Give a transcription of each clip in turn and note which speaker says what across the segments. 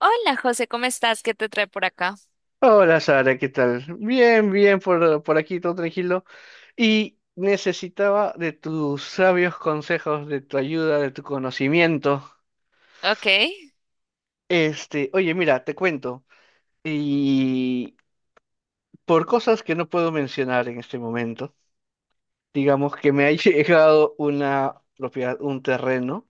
Speaker 1: Hola, José, ¿cómo estás? ¿Qué te trae por acá?
Speaker 2: Hola Sara, ¿qué tal? Bien, bien, por aquí todo tranquilo. Y necesitaba de tus sabios consejos, de tu ayuda, de tu conocimiento.
Speaker 1: Ok,
Speaker 2: Oye, mira, te cuento. Y por cosas que no puedo mencionar en este momento, digamos que me ha llegado una propiedad, un terreno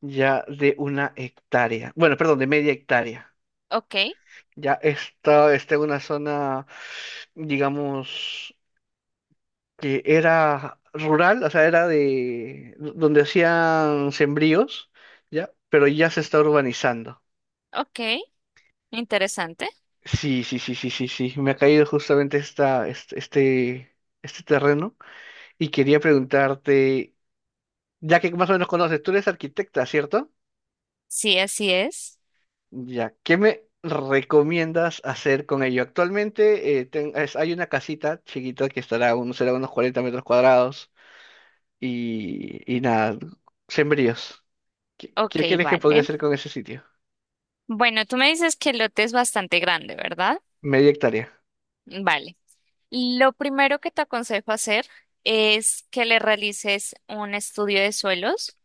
Speaker 2: ya de una hectárea. Bueno, perdón, de media hectárea.
Speaker 1: ok,
Speaker 2: Ya está en una zona, digamos, que era rural, o sea, era de donde hacían sembríos, ¿ya? Pero ya se está urbanizando.
Speaker 1: ok. Interesante.
Speaker 2: Sí, sí, sí, sí, sí, sí. Me ha caído justamente este terreno y quería preguntarte, ya que más o menos conoces, tú eres arquitecta, ¿cierto?
Speaker 1: Sí, así es.
Speaker 2: Ya, ¿qué me recomiendas hacer con ello? Actualmente hay una casita chiquita que estará, unos será unos 40 metros cuadrados. Y nada, sembríos. ¿Qué,
Speaker 1: Ok,
Speaker 2: qué crees que podría
Speaker 1: vale.
Speaker 2: hacer con ese sitio?
Speaker 1: Bueno, tú me dices que el lote es bastante grande, ¿verdad?
Speaker 2: Media hectárea.
Speaker 1: Vale. Lo primero que te aconsejo hacer es que le realices un estudio de suelos.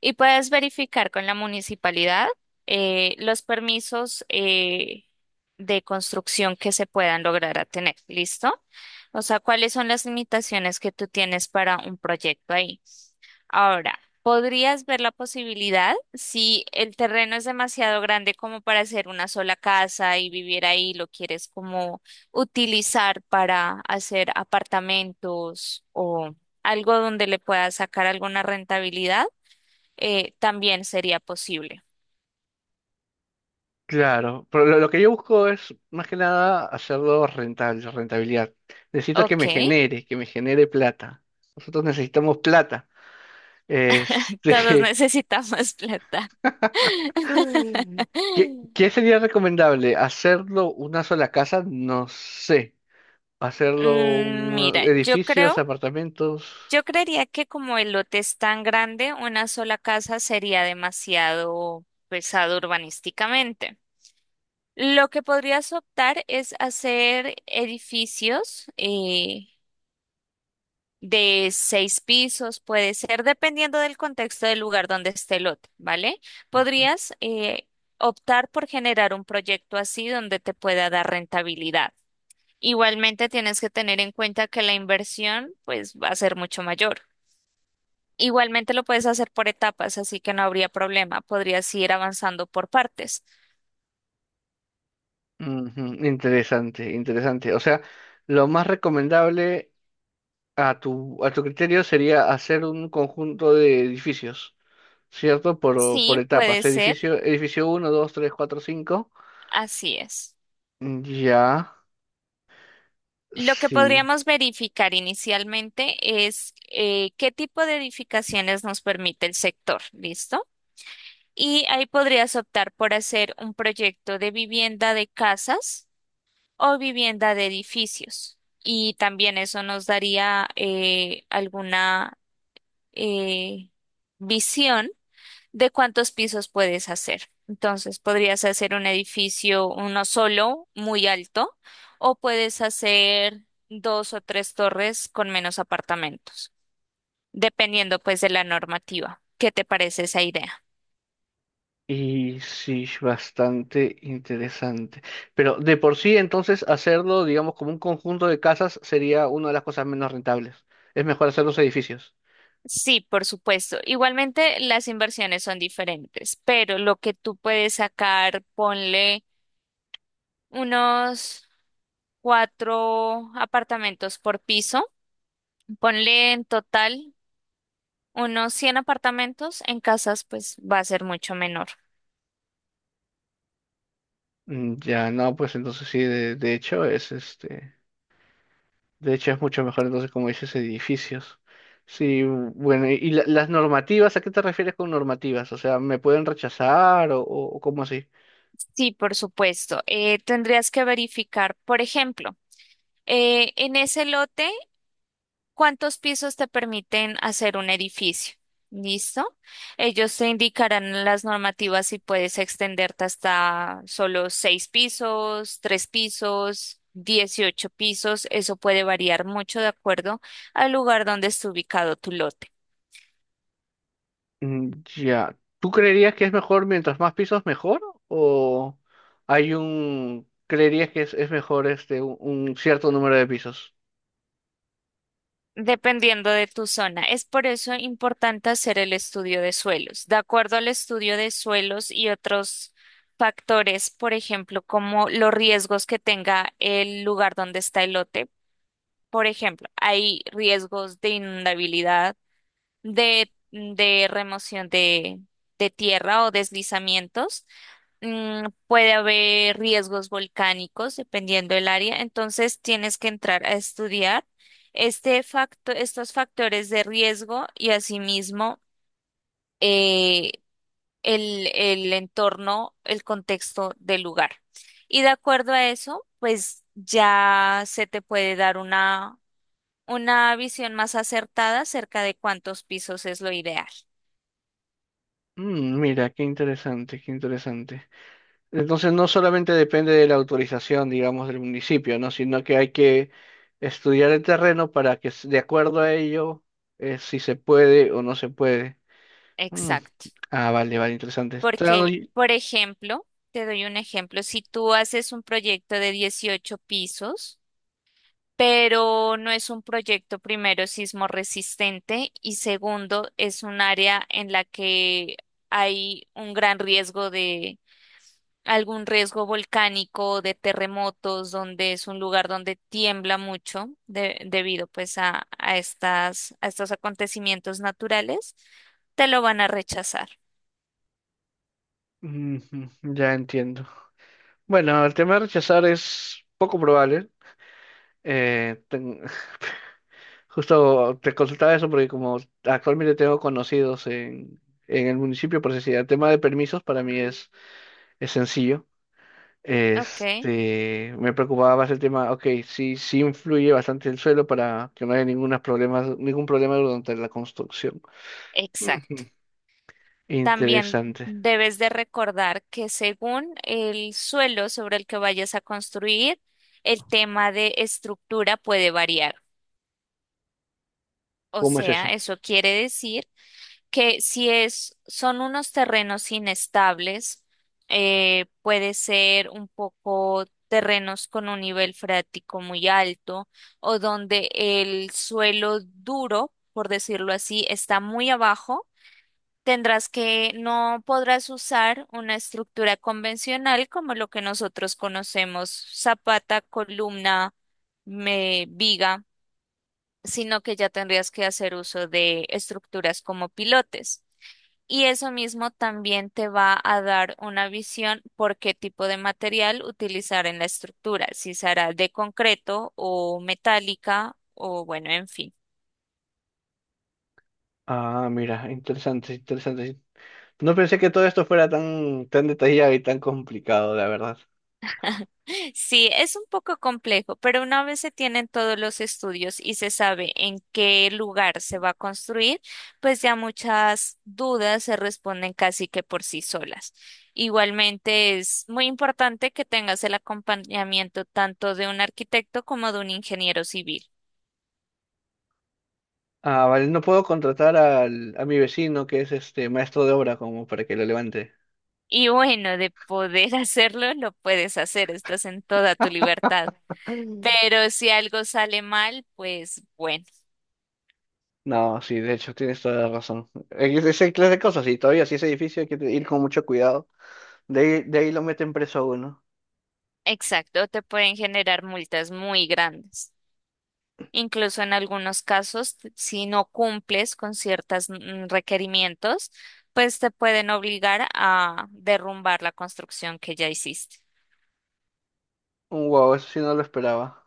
Speaker 1: Y puedes verificar con la municipalidad los permisos, de construcción que se puedan lograr a tener. ¿Listo? O sea, cuáles son las limitaciones que tú tienes para un proyecto ahí. Ahora, podrías ver la posibilidad si el terreno es demasiado grande como para hacer una sola casa y vivir ahí, lo quieres como utilizar para hacer apartamentos o algo donde le puedas sacar alguna rentabilidad, también sería posible.
Speaker 2: Claro, pero lo que yo busco es más que nada hacerlo rentable, rentabilidad. Necesito que
Speaker 1: Ok,
Speaker 2: me genere, que me genere plata. Nosotros necesitamos plata.
Speaker 1: todos
Speaker 2: Este,
Speaker 1: necesitamos plata.
Speaker 2: ¿qué sería recomendable? ¿Hacerlo una sola casa? No sé. ¿Hacerlo
Speaker 1: Mm, mira,
Speaker 2: edificios, apartamentos?
Speaker 1: yo creería que como el lote es tan grande, una sola casa sería demasiado pesado urbanísticamente. Lo que podrías optar es hacer edificios, de seis pisos, puede ser, dependiendo del contexto del lugar donde esté el lote, ¿vale? Podrías, optar por generar un proyecto así donde te pueda dar rentabilidad. Igualmente tienes que tener en cuenta que la inversión pues va a ser mucho mayor. Igualmente lo puedes hacer por etapas, así que no habría problema. Podrías ir avanzando por partes.
Speaker 2: Ujú, interesante, interesante. O sea, lo más recomendable, A tu, a tu criterio sería hacer un conjunto de edificios, ¿cierto? Por
Speaker 1: Sí, puede
Speaker 2: etapas.
Speaker 1: ser.
Speaker 2: Edificio, edificio uno 2 3 4 cinco.
Speaker 1: Así es.
Speaker 2: Mm, ya,
Speaker 1: Lo que
Speaker 2: sí.
Speaker 1: podríamos verificar inicialmente es, qué tipo de edificaciones nos permite el sector, ¿listo? Y ahí podrías optar por hacer un proyecto de vivienda de casas o vivienda de edificios. Y también eso nos daría, alguna eh, visión de cuántos pisos puedes hacer. Entonces, podrías hacer un edificio, uno solo, muy alto, o puedes hacer dos o tres torres con menos apartamentos, dependiendo pues de la normativa. ¿Qué te parece esa idea?
Speaker 2: Y sí, es bastante interesante. Pero de por sí, entonces, hacerlo, digamos, como un conjunto de casas sería una de las cosas menos rentables. Es mejor hacer los edificios.
Speaker 1: Sí, por supuesto. Igualmente las inversiones son diferentes, pero lo que tú puedes sacar, ponle unos cuatro apartamentos por piso, ponle en total unos 100 apartamentos en casas, pues va a ser mucho menor.
Speaker 2: Mm, ya, no, pues entonces sí, de hecho, es este. De hecho, es mucho mejor entonces, como dices, edificios. Sí, bueno, ¿y las normativas? ¿A qué te refieres con normativas? O sea, ¿me pueden rechazar o cómo así?
Speaker 1: Sí, por supuesto. Tendrías que verificar, por ejemplo, en ese lote, ¿cuántos pisos te permiten hacer un edificio? ¿Listo? Ellos te indicarán las normativas si puedes extenderte hasta solo seis pisos, tres pisos, 18 pisos. Eso puede variar mucho de acuerdo al lugar donde esté ubicado tu lote.
Speaker 2: Mm, ya, ¿tú creerías que es mejor mientras más pisos mejor? ¿O hay creerías que es mejor un cierto número de pisos?
Speaker 1: Dependiendo de tu zona. Es por eso importante hacer el estudio de suelos. De acuerdo al estudio de suelos y otros factores, por ejemplo, como los riesgos que tenga el lugar donde está el lote. Por ejemplo, hay riesgos de inundabilidad, de remoción de tierra o deslizamientos. Puede haber riesgos volcánicos dependiendo del área, entonces tienes que entrar a estudiar estos factores de riesgo y asimismo, eh, el entorno, el contexto del lugar. Y de acuerdo a eso, pues ya se te puede dar una visión más acertada acerca de cuántos pisos es lo ideal.
Speaker 2: Mm, mira, qué interesante, qué interesante. Entonces no solamente depende de la autorización, digamos, del municipio, ¿no? Sino que hay que estudiar el terreno para que de acuerdo a ello, si se puede o no se puede. Mm.
Speaker 1: Exacto.
Speaker 2: Ah, vale, vale, interesante. Claro,
Speaker 1: Porque,
Speaker 2: y-
Speaker 1: por ejemplo, te doy un ejemplo, si tú haces un proyecto de 18 pisos, pero no es un proyecto primero sismo resistente y segundo es un área en la que hay un gran riesgo de algún riesgo volcánico, de terremotos, donde es un lugar donde tiembla mucho debido pues a estos acontecimientos naturales, te lo van a rechazar.
Speaker 2: Ujú, ya entiendo. Bueno, el tema de rechazar es poco probable. Eh, ten- Justo te consultaba eso porque como actualmente tengo conocidos en el municipio, por decir, el tema de permisos para mí es sencillo.
Speaker 1: Ok,
Speaker 2: Me preocupaba más el tema, ok, sí, sí influye bastante el suelo para que no haya ningún problema durante la construcción.
Speaker 1: exacto.
Speaker 2: Ujú.
Speaker 1: También
Speaker 2: Interesante.
Speaker 1: debes de recordar que según el suelo sobre el que vayas a construir, el tema de estructura puede variar. O
Speaker 2: ¿Cómo es eso?
Speaker 1: sea, eso quiere decir que si es, son unos terrenos inestables, puede ser un poco terrenos con un nivel freático muy alto o donde el suelo duro, por decirlo así, está muy abajo. Tendrás que, no podrás usar una estructura convencional como lo que nosotros conocemos, zapata, columna, viga, sino que ya tendrías que hacer uso de estructuras como pilotes. Y eso mismo también te va a dar una visión por qué tipo de material utilizar en la estructura, si será de concreto o metálica o bueno, en fin.
Speaker 2: Ah, mira, interesante, interesante. No pensé que todo esto fuera tan, tan detallado y tan complicado, la verdad.
Speaker 1: Sí, es un poco complejo, pero una vez se tienen todos los estudios y se sabe en qué lugar se va a construir, pues ya muchas dudas se responden casi que por sí solas. Igualmente es muy importante que tengas el acompañamiento tanto de un arquitecto como de un ingeniero civil.
Speaker 2: Ah, vale, no puedo contratar a mi vecino que es este maestro de obra como para que lo levante.
Speaker 1: Y bueno, de poder hacerlo, lo puedes hacer, estás en toda tu libertad.
Speaker 2: Mm.
Speaker 1: Pero si algo sale mal, pues bueno,
Speaker 2: No, sí, de hecho, tienes toda la razón. Es esa clase de cosas y todavía si es edificio hay que ir con mucho cuidado. De ahí lo meten preso a uno.
Speaker 1: exacto, te pueden generar multas muy grandes. Incluso en algunos casos, si no cumples con ciertos requerimientos, pues te pueden obligar a derrumbar la construcción que ya hiciste.
Speaker 2: Un Wow, eso sí no lo esperaba.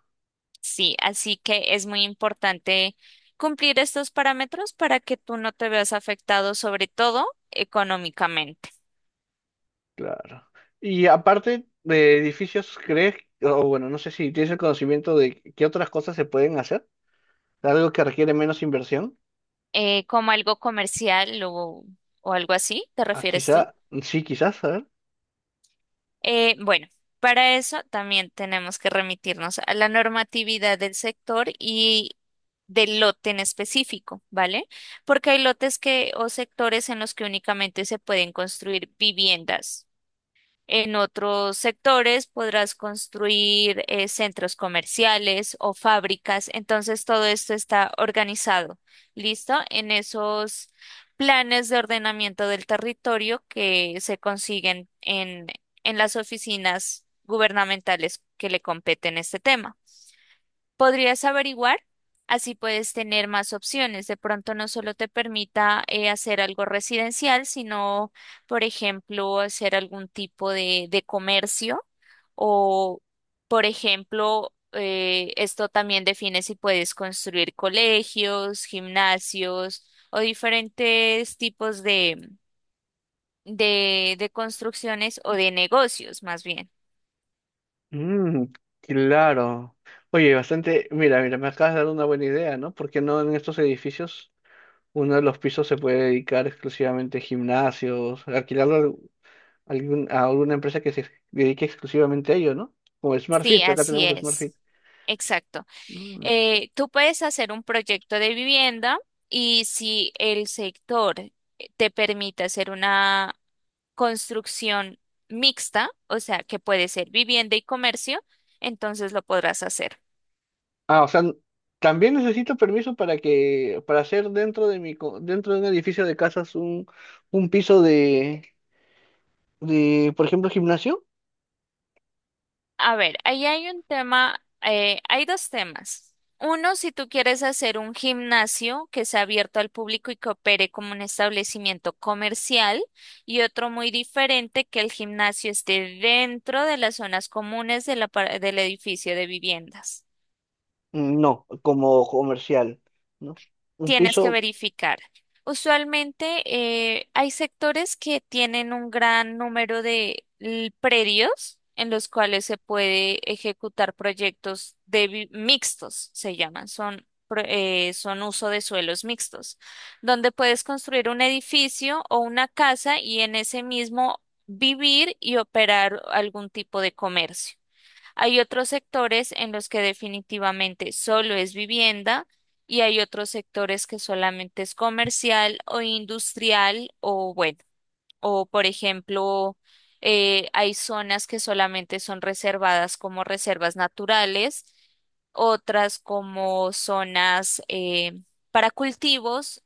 Speaker 1: Sí, así que es muy importante cumplir estos parámetros para que tú no te veas afectado, sobre todo económicamente.
Speaker 2: Claro. Y aparte de edificios, ¿crees? O bueno, no sé si tienes el conocimiento de qué otras cosas se pueden hacer. Algo que requiere menos inversión.
Speaker 1: ¿Como algo comercial o algo así, te
Speaker 2: Ah,
Speaker 1: refieres tú?
Speaker 2: quizá, sí, quizás, a ver.
Speaker 1: Bueno, para eso también tenemos que remitirnos a la normatividad del sector y del lote en específico, ¿vale? Porque hay lotes que o sectores en los que únicamente se pueden construir viviendas. En otros sectores podrás construir, centros comerciales o fábricas. Entonces todo esto está organizado. ¿Listo? En esos planes de ordenamiento del territorio que se consiguen en las oficinas gubernamentales que le competen este tema. Podrías averiguar, así puedes tener más opciones. De pronto no solo te permita, hacer algo residencial, sino, por ejemplo, hacer algún tipo de comercio o, por ejemplo, esto también define si puedes construir colegios, gimnasios o diferentes tipos de construcciones o de negocios, más bien.
Speaker 2: Mm, claro. Oye, bastante. Mira, mira, me acabas de dar una buena idea, ¿no? Porque no en estos edificios uno de los pisos se puede dedicar exclusivamente a gimnasios, alquilar a alguna empresa que se dedique exclusivamente a ello, ¿no? Como
Speaker 1: Sí,
Speaker 2: SmartFit, acá
Speaker 1: así
Speaker 2: tenemos
Speaker 1: es.
Speaker 2: SmartFit.
Speaker 1: Exacto.
Speaker 2: Mm.
Speaker 1: Tú puedes hacer un proyecto de vivienda y si el sector, te permite hacer una construcción mixta, o sea, que puede ser vivienda y comercio, entonces lo podrás hacer.
Speaker 2: Ah, o sea, también necesito permiso para que, para hacer dentro de dentro de un edificio de casas un piso de por ejemplo, gimnasio.
Speaker 1: A ver, ahí hay un tema, hay dos temas. Uno, si tú quieres hacer un gimnasio que sea abierto al público y que opere como un establecimiento comercial, y otro muy diferente, que el gimnasio esté dentro de las zonas comunes de la del edificio de viviendas.
Speaker 2: Mm, no, como comercial, ¿no? Un
Speaker 1: Tienes que
Speaker 2: piso.
Speaker 1: verificar. Usualmente, hay sectores que tienen un gran número de predios en los cuales se puede ejecutar proyectos de mixtos, se llaman, son uso de suelos mixtos, donde puedes construir un edificio o una casa y en ese mismo vivir y operar algún tipo de comercio. Hay otros sectores en los que definitivamente solo es vivienda y hay otros sectores que solamente es comercial o industrial o bueno, o por ejemplo, hay zonas que solamente son reservadas como reservas naturales, otras como zonas, para cultivos,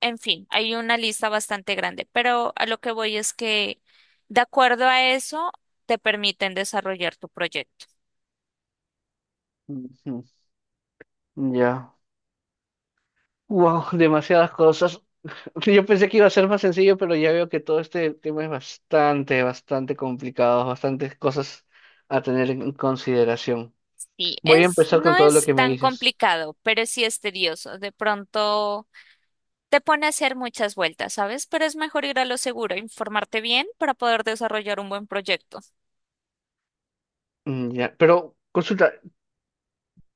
Speaker 1: en fin, hay una lista bastante grande, pero a lo que voy es que de acuerdo a eso te permiten desarrollar tu proyecto.
Speaker 2: Ujú, ya. Wow, demasiadas cosas. Sí, yo pensé que iba a ser más sencillo, pero ya veo que todo este tema es bastante, bastante complicado, bastantes cosas a tener en consideración.
Speaker 1: Sí,
Speaker 2: Voy a
Speaker 1: es,
Speaker 2: empezar con
Speaker 1: no
Speaker 2: todo lo
Speaker 1: es
Speaker 2: que me
Speaker 1: tan
Speaker 2: dices.
Speaker 1: complicado, pero sí es tedioso. De pronto te pone a hacer muchas vueltas, ¿sabes? Pero es mejor ir a lo seguro, informarte bien para poder desarrollar un buen proyecto.
Speaker 2: Mm, ya, pero consulta,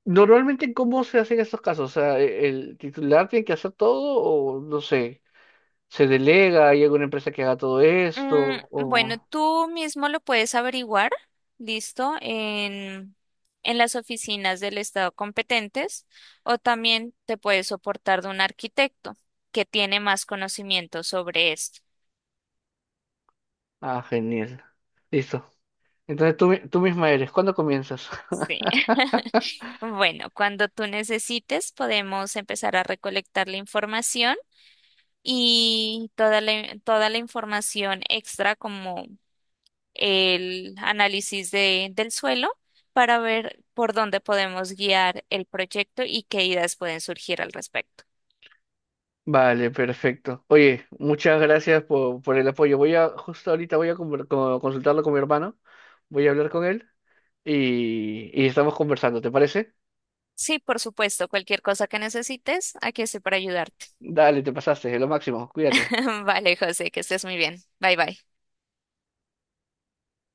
Speaker 2: ¿normalmente cómo se hacen estos casos? O sea, ¿El titular tiene que hacer todo o no sé, se delega, hay alguna empresa que haga todo esto
Speaker 1: Mm, bueno,
Speaker 2: o...
Speaker 1: tú mismo lo puedes averiguar, listo, en las oficinas del Estado competentes o también te puedes soportar de un arquitecto que tiene más conocimiento sobre esto.
Speaker 2: Ah, genial. Listo. Entonces tú misma ¿cuándo comienzas?
Speaker 1: Sí. Bueno, cuando tú necesites, podemos empezar a recolectar la información y toda la información extra como el análisis del suelo para ver por dónde podemos guiar el proyecto y qué ideas pueden surgir al respecto.
Speaker 2: Vale, perfecto. Oye, muchas gracias por el apoyo. Justo ahorita voy a consultarlo con mi hermano, voy a hablar con él y estamos conversando, ¿te parece?
Speaker 1: Sí, por supuesto, cualquier cosa que necesites, aquí estoy para ayudarte.
Speaker 2: Dale, te pasaste, es lo máximo, cuídate.
Speaker 1: Vale, José, que estés muy bien. Bye bye.